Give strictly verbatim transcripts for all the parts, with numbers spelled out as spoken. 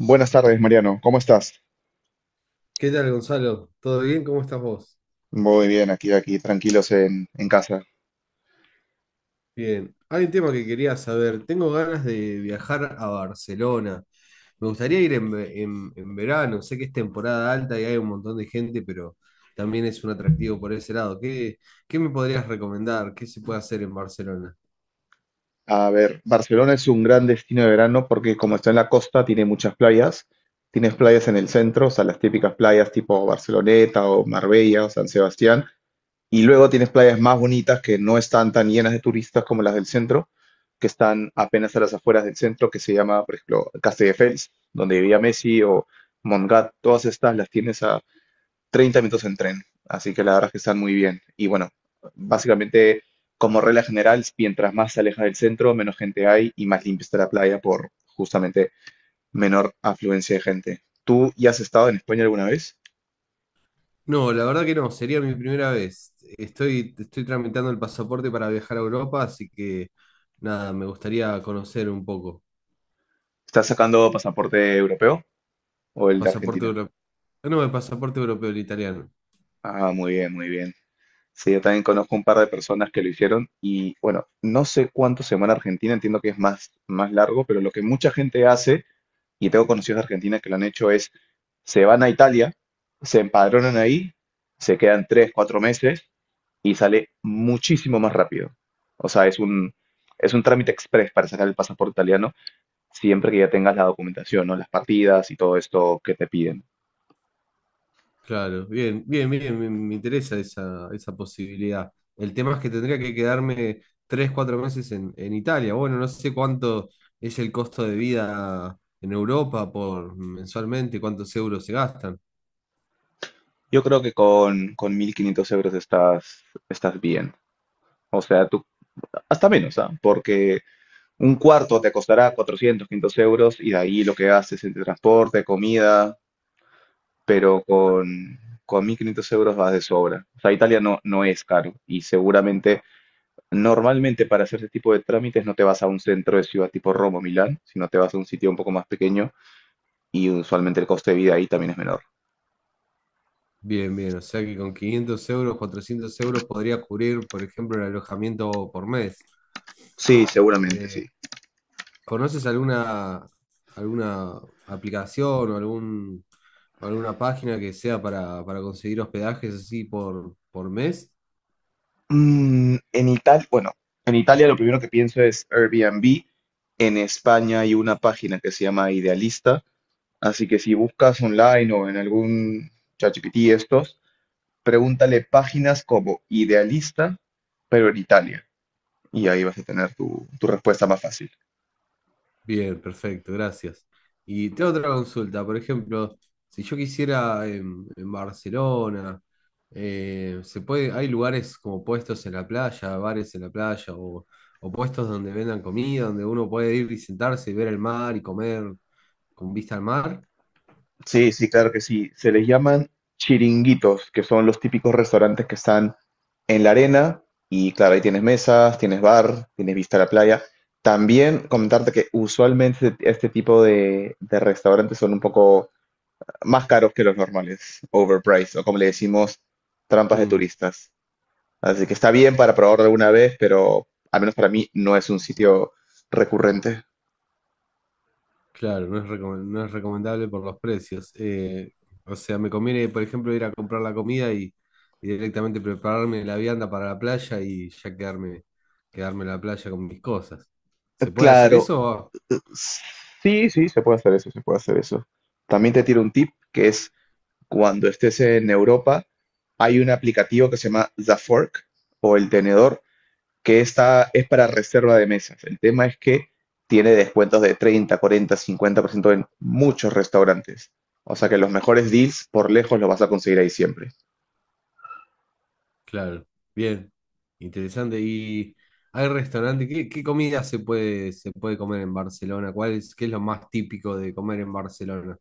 Buenas tardes, Mariano. ¿Cómo estás? ¿Qué tal, Gonzalo? ¿Todo bien? ¿Cómo estás vos? Muy bien, aquí, aquí, tranquilos en, en casa. Bien. Hay un tema que quería saber. Tengo ganas de viajar a Barcelona. Me gustaría ir en, ve- en- en verano. Sé que es temporada alta y hay un montón de gente, pero también es un atractivo por ese lado. ¿Qué, qué me podrías recomendar? ¿Qué se puede hacer en Barcelona? A ver, Barcelona es un gran destino de verano porque como está en la costa, tiene muchas playas. Tienes playas en el centro, o sea, las típicas playas tipo Barceloneta o Marbella o San Sebastián. Y luego tienes playas más bonitas que no están tan llenas de turistas como las del centro, que están apenas a las afueras del centro, que se llama, por ejemplo, Castelldefels, donde vivía Messi o Montgat. Todas estas las tienes Treinta minutos en tren, así que la verdad es que están muy bien. Y bueno, básicamente, como regla general, mientras más se aleja del centro, menos gente hay y más limpia está la playa por justamente menor afluencia de gente. ¿Tú ya has estado en España alguna vez? No, la verdad que no. Sería mi primera vez. Estoy, estoy tramitando el pasaporte para viajar a Europa, así que nada, me gustaría conocer un poco. ¿Estás sacando pasaporte europeo o el de Pasaporte Argentina? europeo. No, el pasaporte europeo, el italiano. Ah, muy bien, muy bien. Sí, yo también conozco un par de personas que lo hicieron y bueno, no sé cuánto se va en Argentina, entiendo que es más, más largo, pero lo que mucha gente hace y tengo conocidos de Argentina que lo han hecho es, se van a Italia, se empadronan ahí, se quedan tres, cuatro meses y sale muchísimo más rápido. O sea, es un, es un trámite express para sacar el pasaporte italiano, siempre que ya tengas la documentación, ¿no? Las partidas y todo esto que te piden. Claro, bien, bien, bien, me, me interesa esa, esa posibilidad. El tema es que tendría que quedarme tres, cuatro meses en, en Italia. Bueno, no sé cuánto es el costo de vida en Europa por mensualmente, cuántos euros se gastan. Yo creo que con, con mil quinientos euros estás, estás bien. O sea, tú, hasta menos, ¿ah? Porque un cuarto te costará cuatrocientos quinientos euros y de ahí lo que haces entre transporte, comida, pero con, con mil quinientos euros vas de sobra. O sea, Italia no, no es caro y seguramente, normalmente para hacer ese tipo de trámites no te vas a un centro de ciudad tipo Roma o Milán, sino te vas a un sitio un poco más pequeño y usualmente el coste de vida ahí también es menor. Bien, bien, o sea que con quinientos euros, cuatrocientos euros podría cubrir, por ejemplo, el alojamiento por mes. Sí, seguramente Eh, sí. ¿conoces alguna, alguna aplicación o algún, o alguna página que sea para, para conseguir hospedajes así por, por mes? Mm, en Italia, bueno, en Italia lo primero que pienso es Airbnb. En España hay una página que se llama Idealista, así que si buscas online o en algún ChatGPT estos, pregúntale páginas como Idealista, Prioritaria. Y ahí vas a tener tu, tu respuesta más fácil. Bien, perfecto, gracias. Y tengo otra consulta, por ejemplo, si yo quisiera en, en Barcelona, eh, se puede, hay lugares como puestos en la playa, bares en la playa, o, o puestos donde vendan comida, donde uno puede ir y sentarse y ver el mar y comer con vista al mar. Sí, sí, claro que sí. Se les llaman chiringuitos, que son los típicos restaurantes que están en la arena. Y claro, ahí tienes mesas, tienes bar, tienes vista a la playa. También comentarte que usualmente este tipo de, de restaurantes son un poco más caros que los normales, overpriced, o como le decimos, trampas de Mm. turistas. Así que está bien para probar alguna vez, pero al menos para mí no es un sitio recurrente. Claro, no es, recome- no es recomendable por los precios. Eh, o sea, me conviene, por ejemplo, ir a comprar la comida y, y directamente prepararme la vianda para la playa y ya quedarme, quedarme en la playa con mis cosas. ¿Se puede hacer Claro, eso? eh, sí, sí, se puede hacer eso, se puede hacer eso. También te tiro un tip que es cuando estés en Europa, hay un aplicativo que se llama The Fork o el tenedor, que está, es para reserva de mesas. El tema es que tiene descuentos de treinta, cuarenta, cincuenta por ciento en muchos restaurantes. O sea que los mejores deals por lejos los vas a conseguir ahí siempre. Claro, bien, interesante. ¿Y hay restaurante? ¿Qué, qué comida se puede, se puede comer en Barcelona? ¿Cuál es, qué es lo más típico de comer en Barcelona?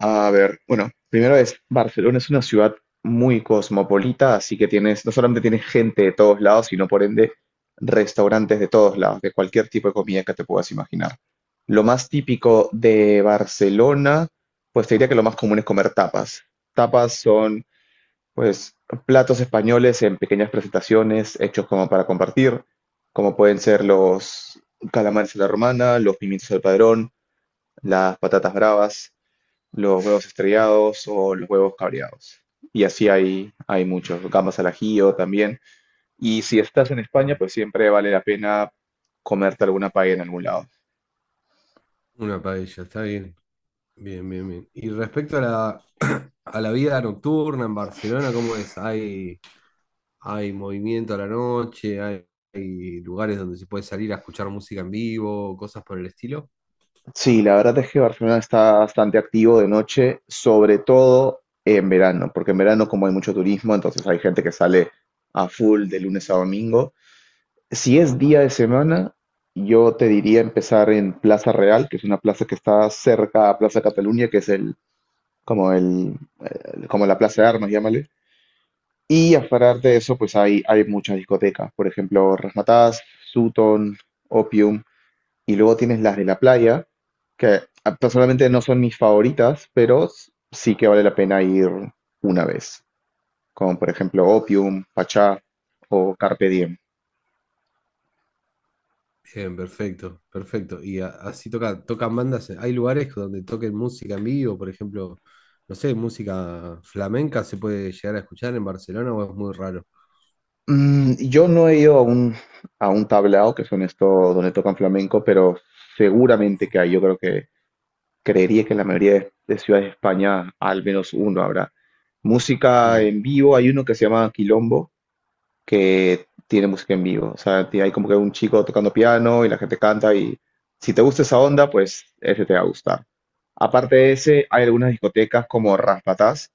A ver, bueno, primero es Barcelona es una ciudad muy cosmopolita, así que tienes, no solamente tienes gente de todos lados, sino por ende restaurantes de todos lados, de cualquier tipo de comida que te puedas imaginar. Lo más típico de Barcelona, pues te diría que lo más común es comer tapas. Tapas son, pues, platos españoles en pequeñas presentaciones hechos como para compartir, como pueden ser los calamares a la romana, los pimientos al padrón, las patatas bravas, los huevos estrellados o los huevos cabreados. Y así hay, hay muchos, gambas al ajillo también. Y si estás en España, pues siempre vale la pena comerte alguna paella en algún lado. Una paella, está bien. Bien, bien, bien. Y respecto a la, a la vida nocturna en Barcelona, ¿cómo es? ¿Hay, hay movimiento a la noche? ¿Hay, hay lugares donde se puede salir a escuchar música en vivo? ¿Cosas por el estilo? Sí, la verdad es que Barcelona está bastante activo de noche, sobre todo en verano, porque en verano como hay mucho turismo, entonces hay gente que sale a full de lunes a domingo. Si es día de semana, yo te diría empezar en Plaza Real, que es una plaza que está cerca a Plaza Cataluña, que es el como el, el- como la Plaza de Armas, llámale. Y aparte de eso, pues hay, hay muchas discotecas, por ejemplo, Razzmatazz, Sutton, Opium, y luego tienes las de la playa, que ah, personalmente no son mis favoritas, pero s- sí que vale la pena ir una vez, como por ejemplo Opium, Pachá o Carpe Diem. Bien, perfecto, perfecto. Y a- así toca, tocan bandas. ¿Hay lugares donde toquen música en vivo? Por ejemplo, no sé, música flamenca se puede llegar a escuchar en Barcelona o es muy raro. Mm, yo no he ido a un, a un tablao, que son estos donde tocan flamenco, pero seguramente que hay. Yo creo que Creería que en la mayoría de, de ciudades de España al menos uno habrá. Música Mm. en vivo, hay uno que se llama Quilombo, que tiene música en vivo. O sea, ti- hay como que un chico tocando piano y la gente canta y si te gusta esa onda, pues ese te va a gustar. Aparte de ese, hay algunas discotecas como Raspatás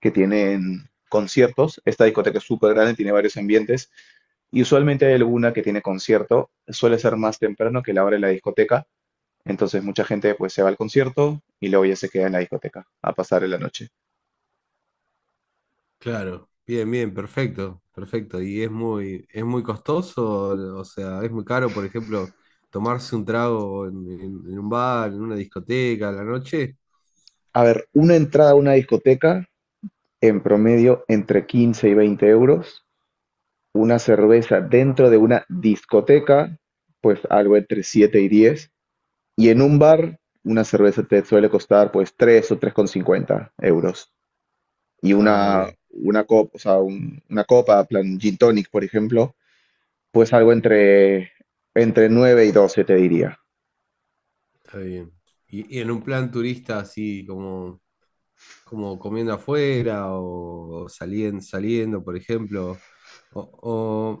que tienen conciertos. Esta discoteca es súper grande, tiene varios ambientes y usualmente hay alguna que tiene concierto. Suele ser más temprano que la hora de la discoteca, entonces mucha gente pues se va al concierto y luego ya se queda en la discoteca a pasar la noche. Claro, bien, bien, perfecto, perfecto. Y es muy, es muy costoso, o sea, es muy caro, por ejemplo, tomarse un trago en, en- en un bar, en una discoteca a la noche. A ver, una entrada a una discoteca en promedio entre quince y veinte euros. Una cerveza dentro de una discoteca, pues algo entre siete y diez. Y en un bar, una cerveza te suele costar pues tres o tres con cincuenta euros. Y Ah, una, bien, una copa, o sea, un- una copa, plan gin tonic, por ejemplo, pues algo entre, entre nueve y doce, te diría. está bien. Y, y en un plan turista así como como comiendo afuera o, saliendo, saliendo, por ejemplo. O,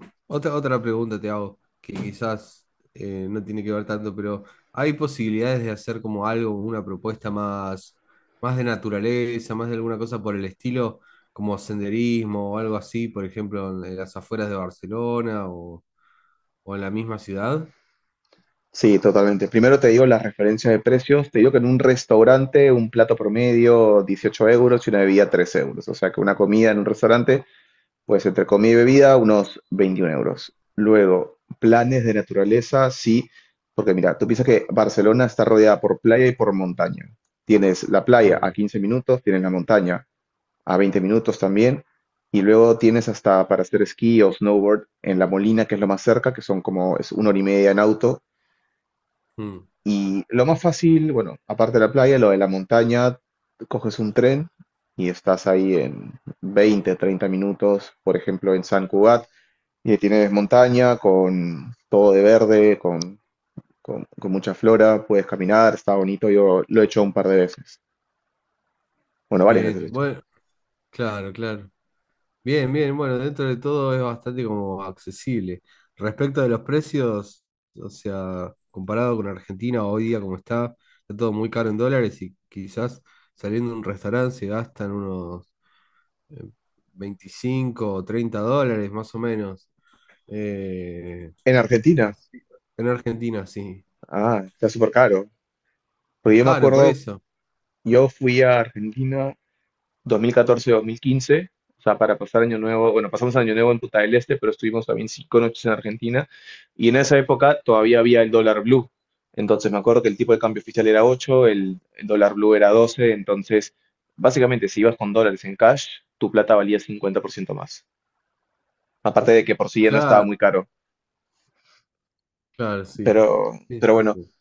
o- otra, otra pregunta te hago, que quizás eh, no tiene que ver tanto, pero ¿hay posibilidades de hacer como algo, una propuesta más, más de naturaleza, más de alguna cosa por el estilo, como senderismo o algo así, por ejemplo, en, en las afueras de Barcelona o, o en la misma ciudad? Sí, totalmente. Primero te digo las referencias de precios. Te digo que en un restaurante un plato promedio dieciocho euros y una bebida tres euros. O sea que una comida en un restaurante, pues entre comida y bebida, unos veintiún euros. Luego, planes de naturaleza, sí, porque mira, tú piensas que Barcelona está rodeada por playa y por montaña. Tienes la playa a Mm, quince minutos, tienes la montaña a veinte minutos también, y luego tienes hasta para hacer esquí o snowboard en La Molina, que es lo más cerca, que son como es una hora y media en auto, mm, y lo más fácil, bueno, aparte de la playa, lo de la montaña, coges un tren y estás ahí en veinte treinta minutos, por ejemplo, en San Cugat, y ahí tienes montaña con todo de verde, con, con- con mucha flora, puedes caminar, está bonito, yo lo he hecho un par de veces, bueno, varias veces lo he bien, hecho. bueno, claro, claro. Bien, bien, bueno, dentro de todo es bastante como accesible. Respecto de los precios, o sea, comparado con Argentina hoy día como está, está todo muy caro en dólares y quizás saliendo de un restaurante se gastan unos eh, veinticinco o treinta dólares más o menos. Eh, En Argentina, así, en Argentina, sí. ah, está súper caro, pues Es yo me caro por acuerdo, eso. yo fui a Argentina dos mil catorce-dos mil quince, o sea, para pasar Año Nuevo, bueno, pasamos Año Nuevo en Punta del Este, pero estuvimos también cinco noches en Argentina, y en esa época todavía había el dólar blue, entonces me acuerdo que el tipo de cambio oficial era ocho, el, el dólar blue era doce, entonces básicamente si ibas con dólares en cash, tu plata valía cincuenta por ciento más, aparte de que por sí ya no estaba Claro, muy caro, claro, sí. pero, Sí, pero sí, bueno, sí.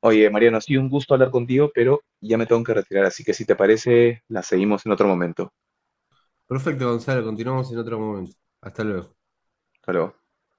oye, Mariano, ha sido un gusto hablar contigo, pero ya me tengo que retirar, así que si te parece, la seguimos en otro momento. Perfecto, Gonzalo, continuamos en otro momento. Hasta luego. Hasta luego.